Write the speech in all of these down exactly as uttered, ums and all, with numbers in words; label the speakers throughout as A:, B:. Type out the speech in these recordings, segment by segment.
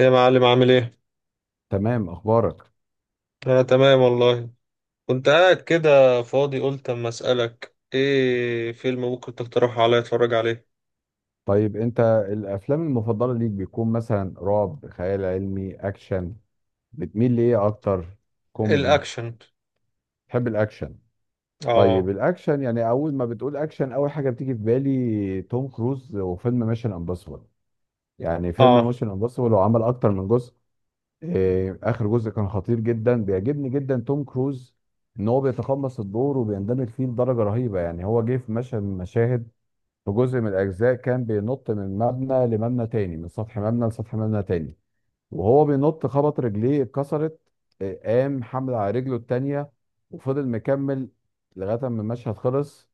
A: إيه يا معلم عامل ايه؟
B: تمام، اخبارك؟
A: انا تمام والله. كنت قاعد كده فاضي، قلت اما اسألك، ايه فيلم ممكن تقترحه عليا اتفرج عليه؟
B: طيب انت الافلام المفضله ليك بيكون مثلا رعب، خيال علمي، اكشن، بتميل لايه اكتر؟ كوميدي؟
A: الاكشن.
B: تحب الاكشن؟ طيب
A: اه.
B: الاكشن يعني اول ما بتقول اكشن اول حاجه بتيجي في بالي توم كروز وفيلم ميشن امبوسيبل. يعني فيلم
A: اه.
B: ميشن امبوسيبل هو عمل اكتر من جزء. إيه اخر جزء كان خطير جدا، بيعجبني جدا توم كروز ان هو بيتقمص الدور وبيندمج فيه بدرجه رهيبه. يعني هو جه في مشهد من المشاهد في جزء من الأجزاء كان بينط من مبنى لمبنى تاني، من سطح مبنى لسطح مبنى تاني، وهو بينط خبط رجليه اتكسرت. آه، قام حمل على رجله التانية وفضل مكمل لغاية ما المشهد خلص.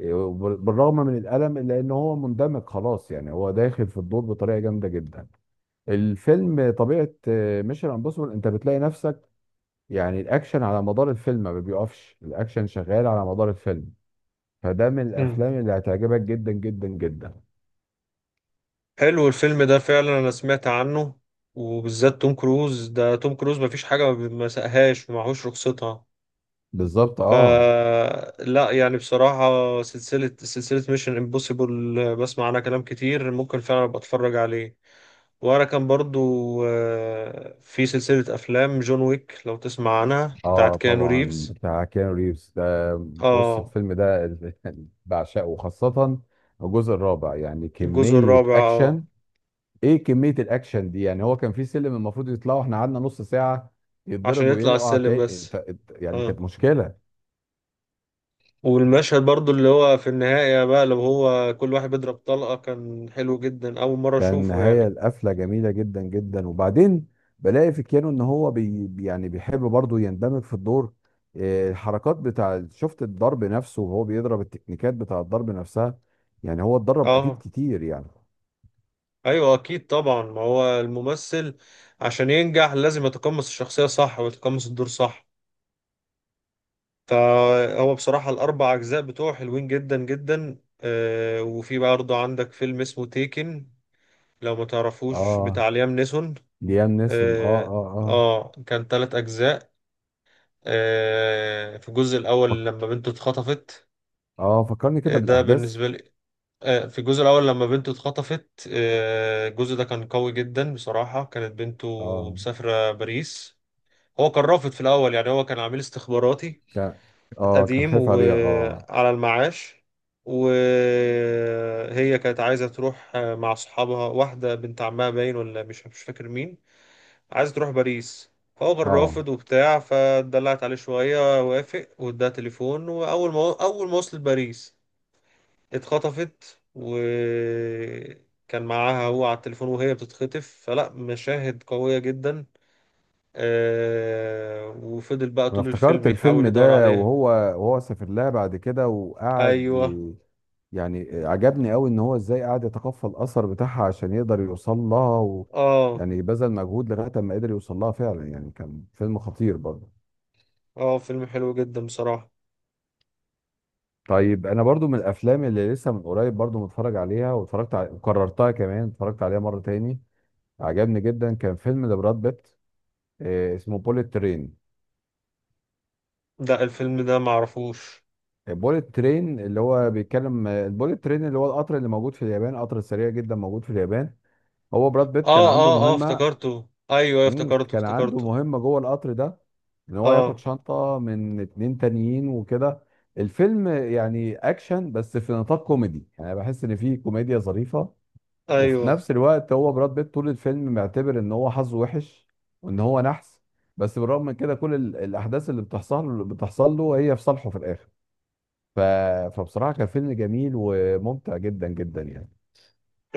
B: آه، وبال- بالرغم من الألم إلا إن هو مندمج خلاص، يعني هو داخل في الدور بطريقة جامدة جدا. الفيلم طبيعة ميشن امبوسيبل أنت بتلاقي نفسك، يعني الأكشن على مدار الفيلم ما بيقفش، الأكشن شغال على مدار الفيلم. فده من
A: مم.
B: الأفلام اللي هتعجبك جدا جدا جدا.
A: حلو الفيلم ده فعلا، انا سمعت عنه وبالذات توم كروز، ده توم كروز مفيش حاجة ما ما سقهاش ومعهوش رخصتها.
B: بالظبط،
A: ف
B: اه.
A: لا يعني بصراحة سلسلة سلسلة ميشن امبوسيبل بسمع عنها كلام كتير، ممكن فعلا ابقى اتفرج عليه. ورا كان برضو آه، في سلسلة أفلام جون ويك، لو تسمع عنها، بتاعت
B: اه
A: كيانو
B: طبعا،
A: ريفز.
B: بتاع كيانو ريفز ده. بص
A: اه
B: الفيلم ده بعشقه، خاصة الجزء الرابع. يعني
A: الجزء
B: كمية
A: الرابع. اه
B: اكشن! ايه كمية الاكشن دي! يعني هو كان في سلم المفروض يطلعوا احنا قعدنا نص ساعة
A: عشان
B: يتضرب
A: يطلع على
B: ويقع
A: السلم
B: تا-
A: بس.
B: ت- يعني
A: اه
B: كانت مشكلة.
A: والمشهد برضو اللي هو في النهاية بقى، لو هو كل واحد بيضرب طلقة، كان حلو جدا، أول مرة
B: كان
A: أشوفه
B: نهاية
A: يعني.
B: القفلة جميلة جدا جدا. وبعدين بلاقي في كيانو ان هو بي يعني بيحب برضه يندمج في الدور. إيه، الحركات بتاع، شفت الضرب نفسه وهو بيضرب، التكنيكات بتاع الضرب نفسها. يعني هو اتدرب اكيد
A: اه
B: كتير يعني.
A: أيوة أكيد طبعا، ما هو الممثل عشان ينجح لازم يتقمص الشخصية صح ويتقمص الدور صح. فهو بصراحة الأربع أجزاء بتوعه حلوين جدا جدا. آه، وفي برضه عندك فيلم اسمه تيكن، لو ما تعرفوش،
B: اه،
A: بتاع ليام نيسون.
B: ليام نيسون، اه،
A: آه,
B: اه، اه.
A: آه كان تلات أجزاء. آه في الجزء الأول لما بنته اتخطفت.
B: اه فكرني
A: آه،
B: كده
A: ده
B: بالاحداث.
A: بالنسبة لي. آه في الجزء الأول لما بنته اتخطفت، آه الجزء ده كان قوي جدا بصراحة. كانت بنته
B: اه
A: مسافرة باريس، هو كان رافض في الأول، يعني هو كان عميل استخباراتي
B: كان. اه كان
A: قديم
B: خايف عليها، اه.
A: وعلى المعاش، وهي كانت عايزة تروح مع صحابها، واحدة بنت عمها باين ولا مش مش فاكر مين، عايزة تروح باريس، فهو كان
B: اه
A: رافض وبتاع، فدلعت عليه شوية وافق واداها تليفون، وأول ما أول ما وصلت باريس اتخطفت، وكان معاها هو على التليفون وهي بتتخطف، فلا مشاهد قوية جدا. آه، وفضل بقى
B: انا
A: طول
B: افتكرت
A: الفيلم
B: الفيلم
A: يحاول يدور
B: ده،
A: عليها.
B: وهو وهو سافر لها بعد كده وقعد
A: أيوه.
B: ي- يعني عجبني قوي ان هو ازاي قعد يتقفل الاثر بتاعها عشان يقدر يوصل لها، و
A: اه.
B: يعني بذل مجهود لغايه ما قدر يوصل لها فعلا، يعني كان فيلم خطير برضه.
A: اه فيلم حلو جدا بصراحة.
B: طيب انا برضو من الافلام اللي لسه من قريب برضو متفرج عليها، واتفرجت على... وكررتها كمان اتفرجت عليها مره تاني. عجبني جدا، كان فيلم لبراد بيت، آه، اسمه بوليت ترين.
A: ده الفيلم ده معرفوش.
B: البوليت ترين اللي هو بيتكلم البوليت ترين اللي هو القطر اللي موجود في اليابان، قطر سريع جدا موجود في اليابان. هو براد بيت كان
A: اه
B: عنده
A: اه اه
B: مهمة.
A: افتكرته. ايوه أيوة،
B: مم،
A: افتكرته
B: كان عنده
A: افتكرته
B: مهمة جوه القطر ده، ان هو ياخد
A: اه.
B: شنطة من اتنين تانيين وكده. الفيلم يعني اكشن بس في نطاق كوميدي، يعني بحس ان فيه كوميديا ظريفة. وفي
A: ايوه.
B: نفس الوقت هو براد بيت طول الفيلم معتبر ان هو حظه وحش وان هو نحس. بس بالرغم من كده كل ال- الاحداث اللي بتحصل بتحصل له هي في صالحه في الاخر. ف... فبصراحة كان فيلم جميل وممتع جدا جدا يعني.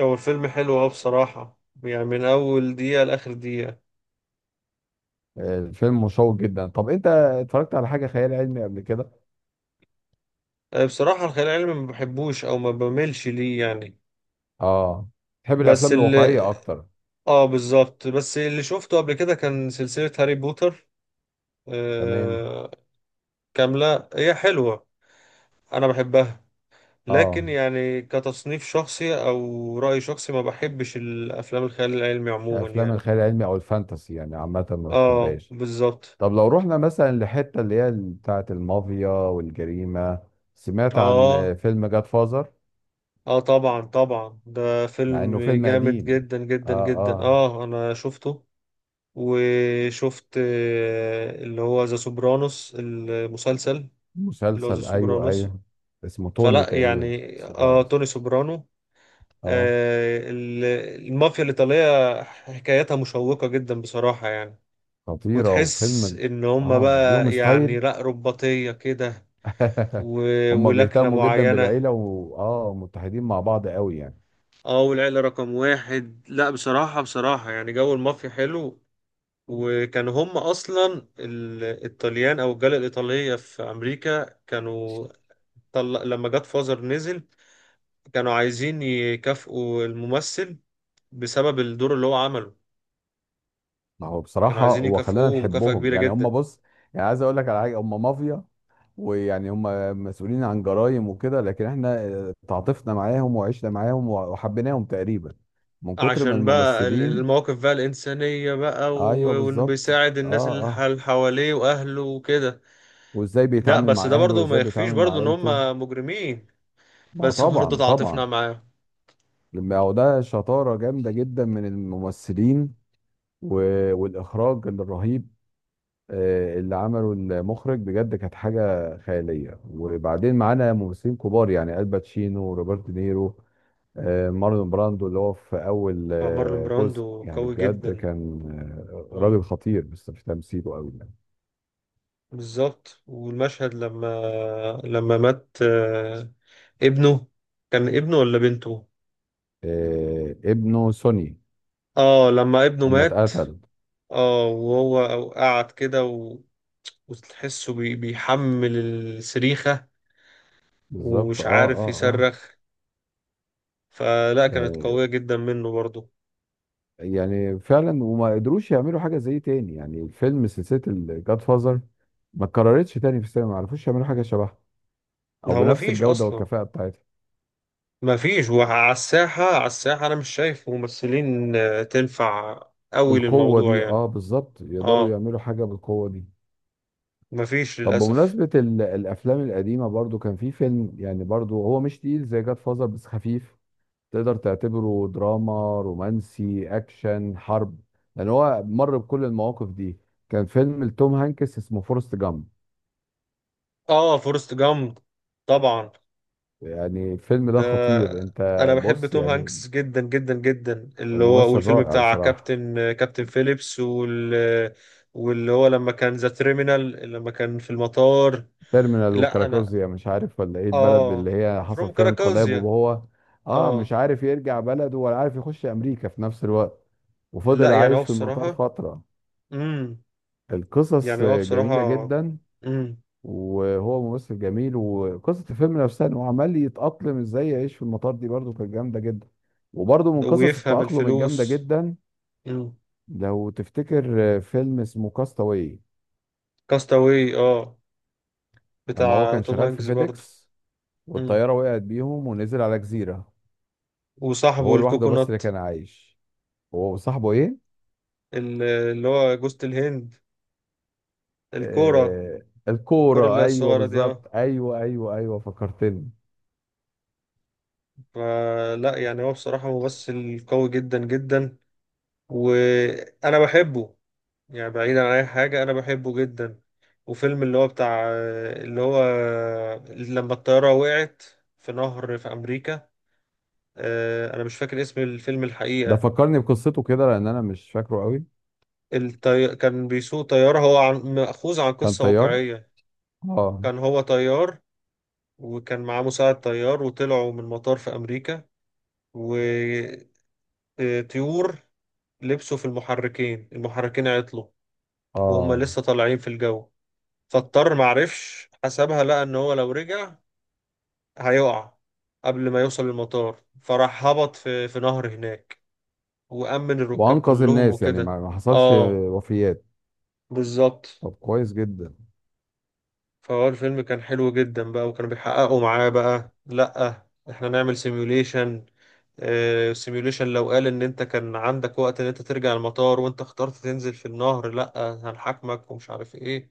A: هو الفيلم حلو اه بصراحة، يعني من اول دقيقة لاخر دقيقة.
B: آه، الفيلم مشوق جدا. طب انت اتفرجت على حاجة خيال علمي قبل كده؟
A: آه، بصراحة الخيال العلمي ما بحبوش او ما بميلش ليه يعني.
B: اه. تحب
A: بس
B: الافلام
A: اللي
B: الواقعية اكتر؟
A: اه بالظبط، بس اللي شفته قبل كده كان سلسلة هاري بوتر.
B: تمام.
A: آه كاملة، هي حلوة، انا بحبها، لكن
B: اه.
A: يعني كتصنيف شخصي او رأي شخصي ما بحبش الافلام الخيال العلمي عموما
B: افلام
A: يعني.
B: الخيال العلمي او الفانتسي يعني عامة ما
A: اه
B: بتحبهاش.
A: بالظبط.
B: طب لو رحنا مثلا لحتة اللي هي بتاعة المافيا والجريمة، سمعت عن آه،
A: اه
B: فيلم جاد فازر؟
A: اه طبعا طبعا، ده
B: مع
A: فيلم
B: انه فيلم
A: جامد
B: قديم.
A: جدا
B: اه،
A: جدا جدا،
B: اه.
A: اه انا شفته. وشفت آه، اللي هو ذا سوبرانوس المسلسل، اللي هو ذا
B: مسلسل، ايوه،
A: سوبرانوس.
B: ايوه. اسمه توني
A: فلا
B: تقريبا
A: يعني اه
B: سوبرانوس.
A: توني سوبرانو.
B: اه،
A: آه ال- المافيا الإيطالية حكايتها مشوقة جدا بصراحة يعني،
B: خطيرة
A: وتحس
B: وفيلم.
A: ان هما
B: اه ليهم
A: بقى يعني
B: ستايل.
A: لا رباطية كده و-
B: هم
A: ولكنة
B: بيهتموا جدا
A: معينة.
B: بالعيلة و... اه متحدين مع بعض قوي يعني.
A: اه والعيلة رقم واحد. لا بصراحة بصراحة يعني جو المافيا حلو، وكانوا هم اصلا ال- الطليان او الجالية الايطالية في امريكا، كانوا طل... لما جاد فازر نزل كانوا عايزين يكافئوا الممثل بسبب الدور اللي هو عمله،
B: ما هو
A: كانوا
B: بصراحة
A: عايزين
B: هو خلانا
A: يكافئوه مكافأة
B: نحبهم
A: كبيرة
B: يعني، هم
A: جدا،
B: بص. يعني عايز اقول لك على حاجة، هم مافيا ويعني هم مسؤولين عن جرائم وكده، لكن احنا آه، تعاطفنا معاهم وعشنا معاهم وع- وحبيناهم تقريبا من كتر ما
A: عشان بقى ال-
B: الممثلين.
A: المواقف بقى الإنسانية بقى
B: ايوه
A: و- وإنه
B: بالظبط،
A: بيساعد الناس
B: اه،
A: اللي ح-
B: اه.
A: اللي حواليه وأهله وكده.
B: وازاي
A: ده
B: بيتعامل
A: بس
B: مع
A: ده
B: اهله،
A: برضه ما
B: وازاي
A: يخفيش
B: بيتعامل مع
A: برضه إن
B: عيلته.
A: هم مجرمين،
B: ما
A: بس برضه
B: طبعا
A: تعاطفنا
B: طبعا.
A: معاه.
B: لما هو ده شطارة جامدة جدا من الممثلين و- والإخراج الرهيب آه، اللي عمله المخرج، بجد كانت حاجة خيالية. وبعدين معانا ممثلين كبار يعني الباتشينو وروبرت نيرو، آه، مارلون براندو اللي هو في أول
A: مع مارلون
B: آه،
A: براندو
B: جزء يعني
A: قوي
B: بجد
A: جدا.
B: كان آه،
A: آه،
B: راجل خطير بس في تمثيله أوي يعني.
A: بالظبط. والمشهد لما لما مات آه، ابنه، كان ابنه ولا بنته.
B: آه، ابنه سوني،
A: اه لما ابنه
B: أما
A: مات،
B: اتقتل.
A: اه وهو قعد كده و- وتحسه بي- بيحمل السريخة
B: بالظبط،
A: ومش
B: اه،
A: عارف
B: اه، اه.
A: يصرخ، فلا كانت
B: يعني،
A: قوية جدا منه برضه.
B: يعني فعلا. وما قدروش يعملوا حاجه زي تاني، يعني الفيلم سلسله الجاد فازر ما اتكررتش تاني في السينما، ما عرفوش يعملوا حاجه شبهها او
A: هو
B: بنفس
A: مفيش
B: الجوده
A: أصلا،
B: والكفاءه بتاعتها.
A: مفيش. وعلى الساحة، على الساحة أنا مش شايف ممثلين آه، تنفع أوي
B: بالقوه
A: للموضوع
B: دي،
A: يعني.
B: اه بالظبط، يقدروا
A: اه
B: يعملوا حاجه بالقوه دي.
A: مفيش
B: طب
A: للأسف.
B: بمناسبه ال- الافلام القديمه، برضو كان في فيلم يعني، برضو هو مش تقيل زي جاد فازر بس خفيف. تقدر تعتبره دراما، رومانسي، اكشن، حرب، لان هو مر بكل المواقف دي. كان فيلم لتوم هانكس اسمه فورست جامب.
A: اه فورست جامب، طبعا.
B: يعني الفيلم
A: ده
B: ده خطير، انت.
A: أنا بحب
B: بص
A: توم
B: يعني،
A: هانكس جدا جدا جدا، اللي هو
B: ممثل
A: والفيلم
B: رائع
A: بتاع
B: بصراحة.
A: كابتن آه، كابتن فيليبس وال آه، واللي هو لما كان ذا تريمينال، لما كان في المطار.
B: تيرمينال
A: لا انا
B: وكراكوزيا، مش عارف ولا ايه البلد اللي
A: اه
B: هي حصل
A: فروم
B: فيها انقلاب،
A: كاراكازيا.
B: وهو اه مش
A: اه
B: عارف يرجع بلده ولا عارف يخش امريكا في نفس الوقت.
A: لا
B: وفضل
A: يعني هو
B: عايش في المطار
A: بصراحة
B: فترة.
A: امم
B: القصص
A: يعني هو بصراحة
B: جميلة جدا.
A: امم
B: وهو ممثل جميل، وقصة الفيلم نفسها انه عمال يتأقلم ازاي يعيش في المطار دي، برضه كانت جامدة جدا. وبرضه من قصص
A: ويفهم
B: التأقلم الجامدة
A: الفلوس
B: جدا.
A: امم
B: لو تفتكر فيلم اسمه كاستاوي؟
A: كاستاوي اه،
B: لما هو
A: بتاع
B: كان
A: توم
B: شغال في
A: هانكس برضو.
B: فيديكس
A: امم
B: والطيارة وقعت بيهم، ونزل على جزيرة
A: وصاحبه
B: وهو لوحده بس اللي
A: الكوكونات،
B: كان عايش. هو وصاحبه ايه؟
A: ال- اللي هو جوزة الهند، الكورة،
B: آه
A: الكورة اللي
B: الكورة،
A: هي
B: ايوه
A: الصغيرة دي اه.
B: بالظبط، ايوه ايوه ايوه، فكرتني.
A: فلا يعني هو بصراحة ممثل قوي جدا جدا، وأنا بحبه، يعني بعيد عن أي حاجة أنا بحبه جدا. وفيلم اللي هو بتاع، اللي هو لما الطيارة وقعت في نهر في أمريكا، آه، أنا مش فاكر اسم الفيلم
B: ده
A: الحقيقة.
B: فكرني بقصته كده لان انا مش فاكره قوي.
A: الطي... كان بيسوق طيارة، هو عن... مأخوذ عن
B: كان
A: قصة
B: طيار،
A: واقعية،
B: اه،
A: كان هو طيار وكان معاه مساعد طيار، وطلعوا من مطار في أمريكا، وطيور لبسوا في المحركين، المحركين عطلوا وهم
B: اه.
A: لسه طالعين في الجو، فاضطر معرفش حسبها، لقى ان هو لو رجع هيقع قبل ما يوصل المطار، فراح هبط في في نهر هناك وأمن الركاب
B: وانقذ
A: كلهم
B: الناس يعني،
A: وكده.
B: ما ما حصلش
A: اه
B: وفيات.
A: بالظبط.
B: طب كويس جدا.
A: فهو الفيلم كان حلو جدا بقى، وكانوا بيحققوا معاه بقى، لأ احنا نعمل سيميوليشن، سيميوليشن لو قال ان انت كان عندك وقت ان انت ترجع المطار وانت اخترت تنزل في النهر، لأ هنحاكمك ومش عارف ايه.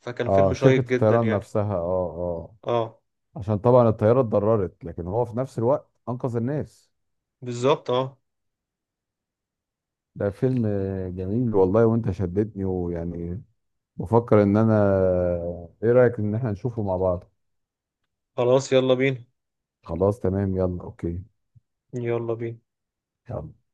A: فكان
B: اه
A: فيلم
B: شركة
A: شيق جدا
B: الطيران
A: يعني.
B: نفسها، اه، اه.
A: اه
B: عشان طبعا الطيارة اتضررت، لكن هو في نفس الوقت انقذ الناس.
A: بالظبط. اه
B: ده فيلم جميل والله، وانت شدتني، ويعني بفكر ان انا، ايه رأيك ان احنا نشوفه مع بعض؟
A: خلاص يلا بينا.
B: خلاص تمام، يلا اوكي.
A: يلا بينا.
B: يلا.